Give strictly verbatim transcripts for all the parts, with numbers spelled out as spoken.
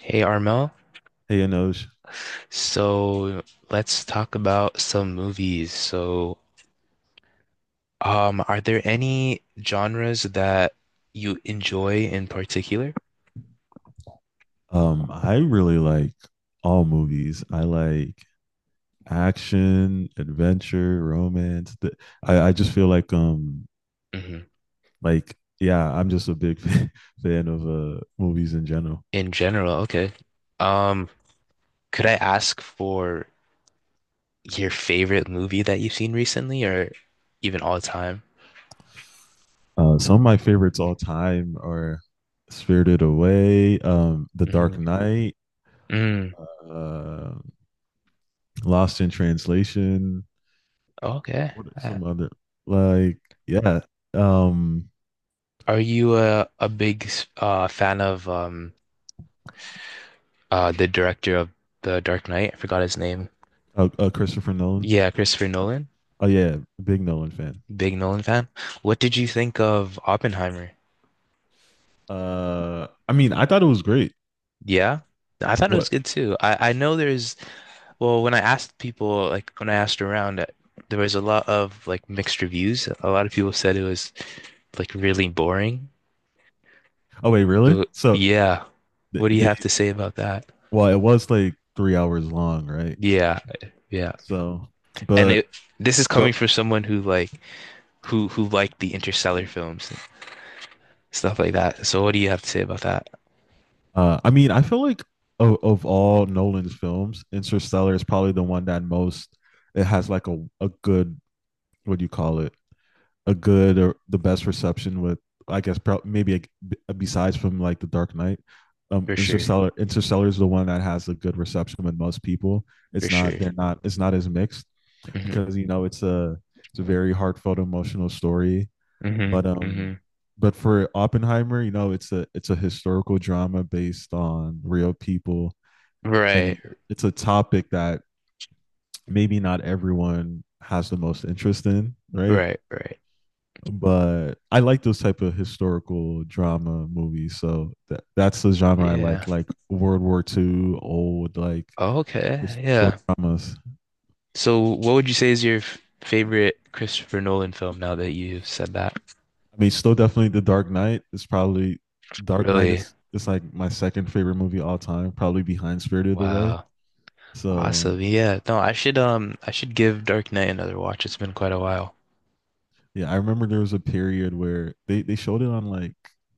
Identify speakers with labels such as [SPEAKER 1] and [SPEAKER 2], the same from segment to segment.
[SPEAKER 1] Hey Armel,
[SPEAKER 2] Hey, Anoj.
[SPEAKER 1] so let's talk about some movies. So, um, are there any genres that you enjoy in particular?
[SPEAKER 2] Um, I really like all movies. I like action, adventure, romance. The, I, I just feel like um
[SPEAKER 1] Hmm.
[SPEAKER 2] like yeah, I'm just a big fan fan of uh movies in general.
[SPEAKER 1] In general, okay. Um, could I ask for your favorite movie that you've seen recently or even all time?
[SPEAKER 2] Uh, some of my favorites all time are Spirited Away, um, The
[SPEAKER 1] Mm-hmm.
[SPEAKER 2] Dark Knight,
[SPEAKER 1] Mm,
[SPEAKER 2] uh, Lost in Translation.
[SPEAKER 1] okay.
[SPEAKER 2] What are
[SPEAKER 1] Uh,
[SPEAKER 2] some other like yeah, um,
[SPEAKER 1] Are you a a big s- uh fan of um uh the director of The Dark Knight? I forgot his name.
[SPEAKER 2] uh, uh, Christopher Nolan.
[SPEAKER 1] Yeah, Christopher Nolan.
[SPEAKER 2] Oh yeah, big Nolan fan.
[SPEAKER 1] Big Nolan fan. What did you think of Oppenheimer?
[SPEAKER 2] Uh, I mean, I thought it was great.
[SPEAKER 1] Yeah. I thought it was
[SPEAKER 2] What?
[SPEAKER 1] good too. I I know there's well, when I asked people, like when I asked around uh, there was a lot of like mixed reviews. A lot of people said it was like really boring.
[SPEAKER 2] Oh wait, really?
[SPEAKER 1] So
[SPEAKER 2] So
[SPEAKER 1] yeah.
[SPEAKER 2] th-
[SPEAKER 1] What do you
[SPEAKER 2] they,
[SPEAKER 1] have to say about that?
[SPEAKER 2] well, it was like three hours long, right?
[SPEAKER 1] Yeah. Yeah.
[SPEAKER 2] So,
[SPEAKER 1] and
[SPEAKER 2] but
[SPEAKER 1] it This is coming
[SPEAKER 2] go.
[SPEAKER 1] from someone who like who who liked the Interstellar films and stuff like that, so what do you have to say about that?
[SPEAKER 2] Uh, I mean, I feel like of, of all Nolan's films, Interstellar is probably the one that most it has like a a good what do you call it? A good or the best reception with I guess prob- maybe a, b- besides from like The Dark Knight. Um,
[SPEAKER 1] For sure.
[SPEAKER 2] Interstellar Interstellar is the one that has a good reception with most people.
[SPEAKER 1] For
[SPEAKER 2] It's not
[SPEAKER 1] sure.
[SPEAKER 2] they're not it's not as mixed,
[SPEAKER 1] Hmm.
[SPEAKER 2] because you know it's a it's a very heartfelt emotional story.
[SPEAKER 1] Hmm.
[SPEAKER 2] but um
[SPEAKER 1] Hmm.
[SPEAKER 2] but for Oppenheimer, you know, it's a it's a historical drama based on real people,
[SPEAKER 1] Right,
[SPEAKER 2] and it's a topic that maybe not everyone has the most interest in, right?
[SPEAKER 1] right, right.
[SPEAKER 2] But I like those type of historical drama movies. So that, that's the genre I
[SPEAKER 1] Yeah,
[SPEAKER 2] like like World War Two, old like
[SPEAKER 1] okay,
[SPEAKER 2] historical
[SPEAKER 1] yeah.
[SPEAKER 2] dramas.
[SPEAKER 1] So what would you say is your f- favorite Christopher Nolan film, now that you said that?
[SPEAKER 2] I mean, still definitely The Dark Knight is probably Dark Knight
[SPEAKER 1] Really?
[SPEAKER 2] is is like my second favorite movie all time, probably behind Spirited Away.
[SPEAKER 1] Wow.
[SPEAKER 2] So
[SPEAKER 1] Awesome. Yeah, no, I should um I should give Dark Knight another watch, it's been quite a while.
[SPEAKER 2] yeah, I remember there was a period where they they showed it on like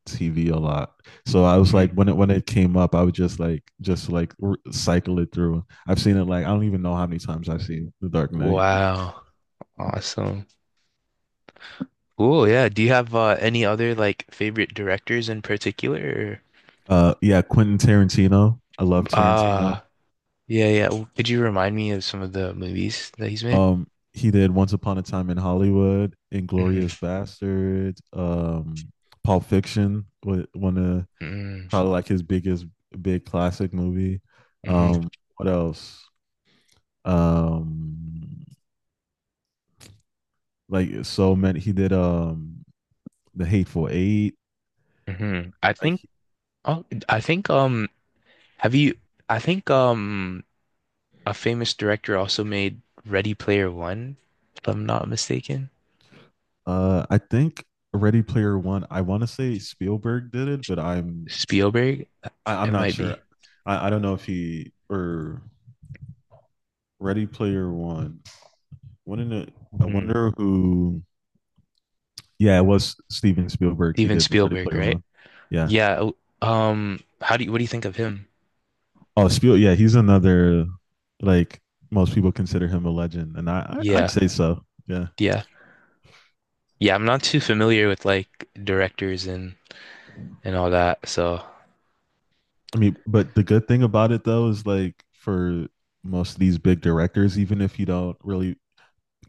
[SPEAKER 2] T V a lot. So I was like,
[SPEAKER 1] Hmm.
[SPEAKER 2] when it when it came up, I would just like just like r- cycle it through. I've seen it like I don't even know how many times I've seen The Dark Knight.
[SPEAKER 1] Wow. Awesome. Cool, yeah. Do you have uh, any other like favorite directors in particular? Or-
[SPEAKER 2] Uh, yeah, Quentin Tarantino. I love Tarantino.
[SPEAKER 1] Ah, yeah, yeah. W- Could you remind me of some of the movies that he's made?
[SPEAKER 2] Um, he did Once Upon a Time in Hollywood, Inglorious
[SPEAKER 1] Hmm.
[SPEAKER 2] Bastard, um, Pulp Fiction, wa- one of
[SPEAKER 1] Hmm.
[SPEAKER 2] probably like his biggest big classic movie.
[SPEAKER 1] Hmm.
[SPEAKER 2] Um, what else? Um, like so many. He did um The Hateful Eight.
[SPEAKER 1] hmm I
[SPEAKER 2] Like
[SPEAKER 1] think Oh, I think um have you I think um a famous director also made Ready Player One, if I'm not mistaken.
[SPEAKER 2] uh, I think Ready Player One. I want to say Spielberg did it, but I'm
[SPEAKER 1] Spielberg?
[SPEAKER 2] I, I'm
[SPEAKER 1] It
[SPEAKER 2] not
[SPEAKER 1] might be.
[SPEAKER 2] sure. I, I don't know if he or Ready Player One. Wouldn't it? I
[SPEAKER 1] Hmm.
[SPEAKER 2] wonder who Yeah, it was Steven Spielberg. He
[SPEAKER 1] Steven
[SPEAKER 2] did Ready
[SPEAKER 1] Spielberg,
[SPEAKER 2] Player
[SPEAKER 1] right?
[SPEAKER 2] One. Yeah.
[SPEAKER 1] Yeah. w- Um, how do you what do you think of him?
[SPEAKER 2] Oh, Spiel. Yeah, he's another like most people consider him a legend, and I, I I'd
[SPEAKER 1] Yeah.
[SPEAKER 2] say so. Yeah.
[SPEAKER 1] Yeah. Yeah, I'm not too familiar with like directors and and all that. So
[SPEAKER 2] I mean, but the good thing about it though is like for most of these big directors, even if you don't really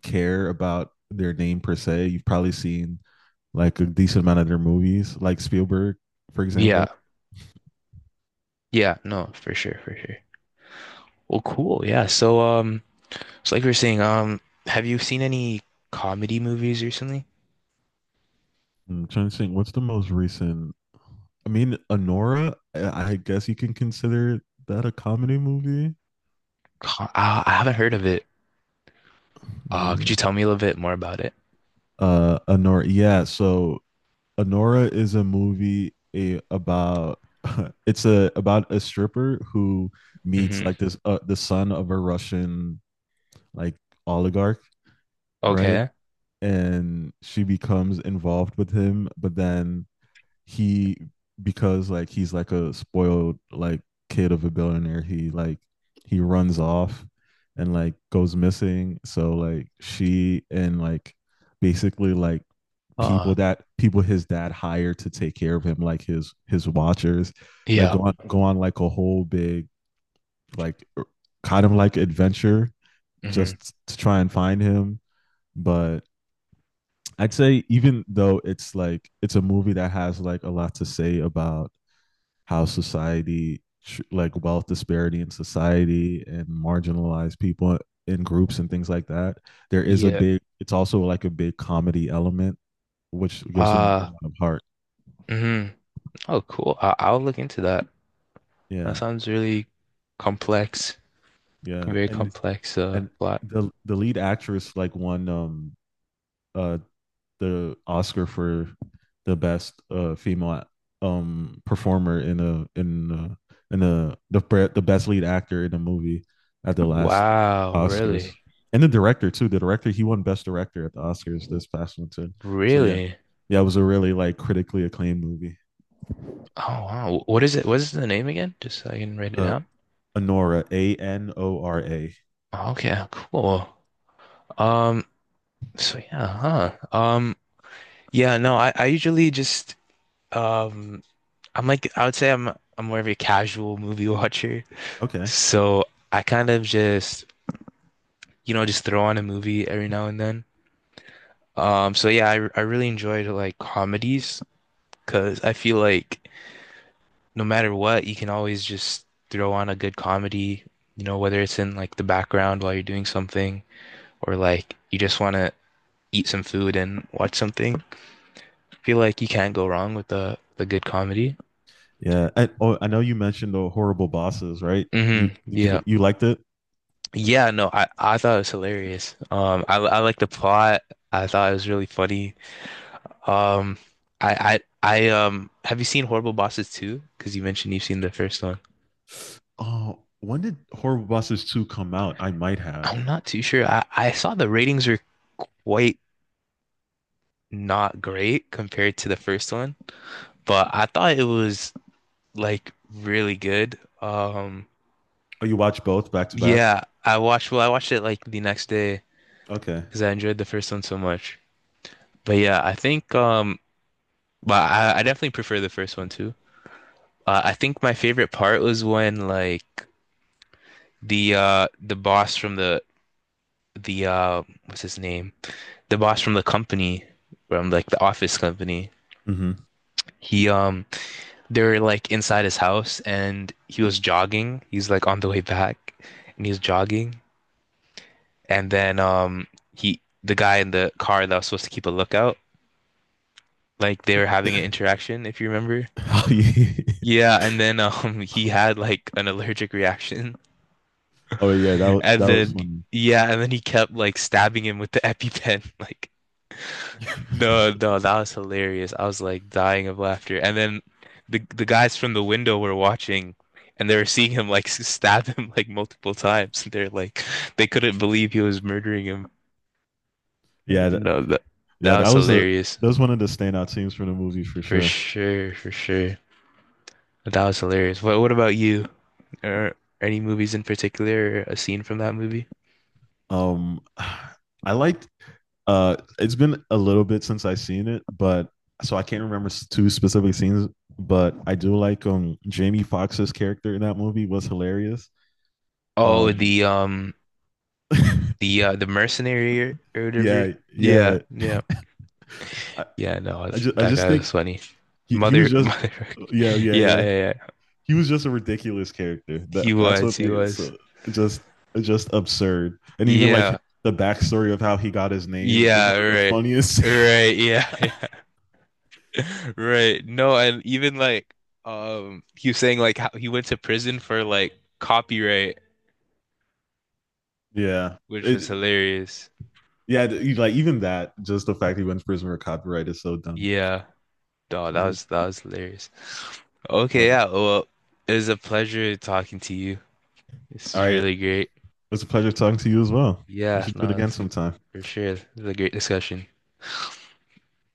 [SPEAKER 2] care about their name per se, you've probably seen like a decent amount of their movies, like Spielberg, for
[SPEAKER 1] yeah,
[SPEAKER 2] example.
[SPEAKER 1] yeah, no, for sure, for sure. Well, cool. Yeah. So um, so like we were saying, um, have you seen any comedy movies recently?
[SPEAKER 2] I'm trying to think, what's the most recent I mean, Anora, uh, I guess you can consider that a comedy movie.
[SPEAKER 1] Co I, I haven't heard of it. Uh, could you
[SPEAKER 2] Yeah.
[SPEAKER 1] tell me a little bit more about it?
[SPEAKER 2] Uh, Anora. Yeah. So Anora is a movie a, about it's a about a stripper who meets
[SPEAKER 1] Hmm.
[SPEAKER 2] like this uh, the son of a Russian like oligarch, right?
[SPEAKER 1] Okay.
[SPEAKER 2] And she becomes involved with him, but then he because like he's like a spoiled like kid of a billionaire, he like he runs off and like goes missing. So like she and like basically like people
[SPEAKER 1] Uh,
[SPEAKER 2] that people his dad hired to take care of him, like his his watchers, like
[SPEAKER 1] yeah.
[SPEAKER 2] go on go on like a whole big like er, kind of like adventure
[SPEAKER 1] Hmm.
[SPEAKER 2] just to try and find him. But I'd say even though it's like it's a movie that has like a lot to say about how society like wealth disparity in society and marginalized people in groups and things like that. There is a
[SPEAKER 1] Yeah.
[SPEAKER 2] big, it's also like a big comedy element, which gives them a
[SPEAKER 1] Uh,
[SPEAKER 2] lot of heart.
[SPEAKER 1] hmm. Oh, cool. I, I'll look into that. That
[SPEAKER 2] Yeah,
[SPEAKER 1] sounds really complex,
[SPEAKER 2] yeah.
[SPEAKER 1] very
[SPEAKER 2] and
[SPEAKER 1] complex uh
[SPEAKER 2] and
[SPEAKER 1] plot.
[SPEAKER 2] the the lead actress like won um uh the Oscar for the best uh, female um, performer in a in a, in a the the best lead actor in a movie at the last
[SPEAKER 1] Wow,
[SPEAKER 2] Oscars.
[SPEAKER 1] really?
[SPEAKER 2] And the director too. The director, he won best director at the Oscars this past one too. So yeah,
[SPEAKER 1] Really?
[SPEAKER 2] yeah, it was a really like critically acclaimed movie.
[SPEAKER 1] Oh wow. What is it? What is the name again? Just so I can write it
[SPEAKER 2] Uh,
[SPEAKER 1] down.
[SPEAKER 2] Anora, A N O R A.
[SPEAKER 1] Okay, cool. Um, so yeah, huh. Um, yeah, no, I, I usually just um I'm like I would say I'm I'm more of a casual movie watcher.
[SPEAKER 2] Okay,
[SPEAKER 1] So I kind of just, you know, just throw on a movie every now and then. Um, so yeah, I I really enjoyed like comedies because I feel like no matter what, you can always just throw on a good comedy, you know, whether it's in like the background while you're doing something or like you just want to eat some food and watch something. I feel like you can't go wrong with the the good comedy.
[SPEAKER 2] yeah. I, oh, I know you mentioned the Horrible Bosses, right?
[SPEAKER 1] Hmm.
[SPEAKER 2] You did you
[SPEAKER 1] Yeah.
[SPEAKER 2] you liked it?
[SPEAKER 1] Yeah, no, I I thought it was hilarious. Um I I like the plot. I thought it was really funny. Um I I I um Have you seen Horrible Bosses two? Because you mentioned you've seen the first one.
[SPEAKER 2] Oh, when did Horrible Bosses two come out? I might have.
[SPEAKER 1] I'm not too sure. I I saw the ratings were quite not great compared to the first one, but I thought it was like really good. Um,
[SPEAKER 2] Oh, you watch both back to back?
[SPEAKER 1] yeah, I watched, well, I watched it like the next day
[SPEAKER 2] Okay.
[SPEAKER 1] because I enjoyed the first one so much. But yeah, I think, um, but I, I definitely prefer the first one too. Uh, I think my favorite part was when like the uh the boss from the the uh what's his name? The boss from the company, from like the office company.
[SPEAKER 2] Hmm.
[SPEAKER 1] He um They were like inside his house and he was jogging. He's like on the way back and he's jogging. And then um he the guy in the car that was supposed to keep a lookout, like they were having an interaction, if you remember.
[SPEAKER 2] Oh yeah.
[SPEAKER 1] Yeah, and then um he had like an allergic reaction.
[SPEAKER 2] Oh yeah, that wa-
[SPEAKER 1] And
[SPEAKER 2] that was
[SPEAKER 1] then
[SPEAKER 2] funny.
[SPEAKER 1] yeah, and then he kept like stabbing him with the EpiPen. Like no, no, that was hilarious. I was like dying of laughter. And then the the guys from the window were watching and they were seeing him like s- stab him like multiple times. They're like they couldn't believe he was murdering him.
[SPEAKER 2] Yeah, that,
[SPEAKER 1] No, that
[SPEAKER 2] yeah,
[SPEAKER 1] that
[SPEAKER 2] that
[SPEAKER 1] was
[SPEAKER 2] was a
[SPEAKER 1] hilarious.
[SPEAKER 2] that was one of the standout scenes from the movie for
[SPEAKER 1] For
[SPEAKER 2] sure.
[SPEAKER 1] sure, for sure. That was hilarious. What what about you? Or any movies in particular or a scene from that movie?
[SPEAKER 2] Um, I liked. Uh, it's been a little bit since I seen it, but so I can't remember s- two specific scenes. But I do like um Jamie Foxx's character in that movie was hilarious.
[SPEAKER 1] Oh,
[SPEAKER 2] Um,
[SPEAKER 1] the um the uh the mercenary, or, or whatever.
[SPEAKER 2] yeah,
[SPEAKER 1] Yeah,
[SPEAKER 2] yeah.
[SPEAKER 1] yeah.
[SPEAKER 2] I,
[SPEAKER 1] Yeah, no,
[SPEAKER 2] I just I
[SPEAKER 1] that
[SPEAKER 2] just
[SPEAKER 1] guy
[SPEAKER 2] think
[SPEAKER 1] was funny.
[SPEAKER 2] he, he was
[SPEAKER 1] Mother,
[SPEAKER 2] just
[SPEAKER 1] mother.
[SPEAKER 2] yeah yeah
[SPEAKER 1] Yeah,
[SPEAKER 2] yeah
[SPEAKER 1] yeah, yeah.
[SPEAKER 2] he was just a ridiculous character. That
[SPEAKER 1] He
[SPEAKER 2] that's
[SPEAKER 1] was,
[SPEAKER 2] what
[SPEAKER 1] he
[SPEAKER 2] like it's uh,
[SPEAKER 1] was.
[SPEAKER 2] just just absurd. And even like
[SPEAKER 1] Yeah,
[SPEAKER 2] the backstory of how he got his name is
[SPEAKER 1] yeah,
[SPEAKER 2] one of the
[SPEAKER 1] right,
[SPEAKER 2] funniest.
[SPEAKER 1] right, yeah, yeah, right. No, and even like, um, he was saying like how he went to prison for like copyright,
[SPEAKER 2] yeah,
[SPEAKER 1] which was
[SPEAKER 2] it,
[SPEAKER 1] hilarious.
[SPEAKER 2] yeah, you- like even that, just the fact he went to prison for copyright is so dumb.
[SPEAKER 1] Yeah, no, that was that was hilarious. Okay,
[SPEAKER 2] But
[SPEAKER 1] yeah. Well, it was a pleasure talking to you. This
[SPEAKER 2] All
[SPEAKER 1] is
[SPEAKER 2] right,
[SPEAKER 1] really great.
[SPEAKER 2] it's a pleasure talking to you as well. We
[SPEAKER 1] Yeah,
[SPEAKER 2] should do it
[SPEAKER 1] no,
[SPEAKER 2] again
[SPEAKER 1] it's,
[SPEAKER 2] sometime.
[SPEAKER 1] For sure. It was a great discussion.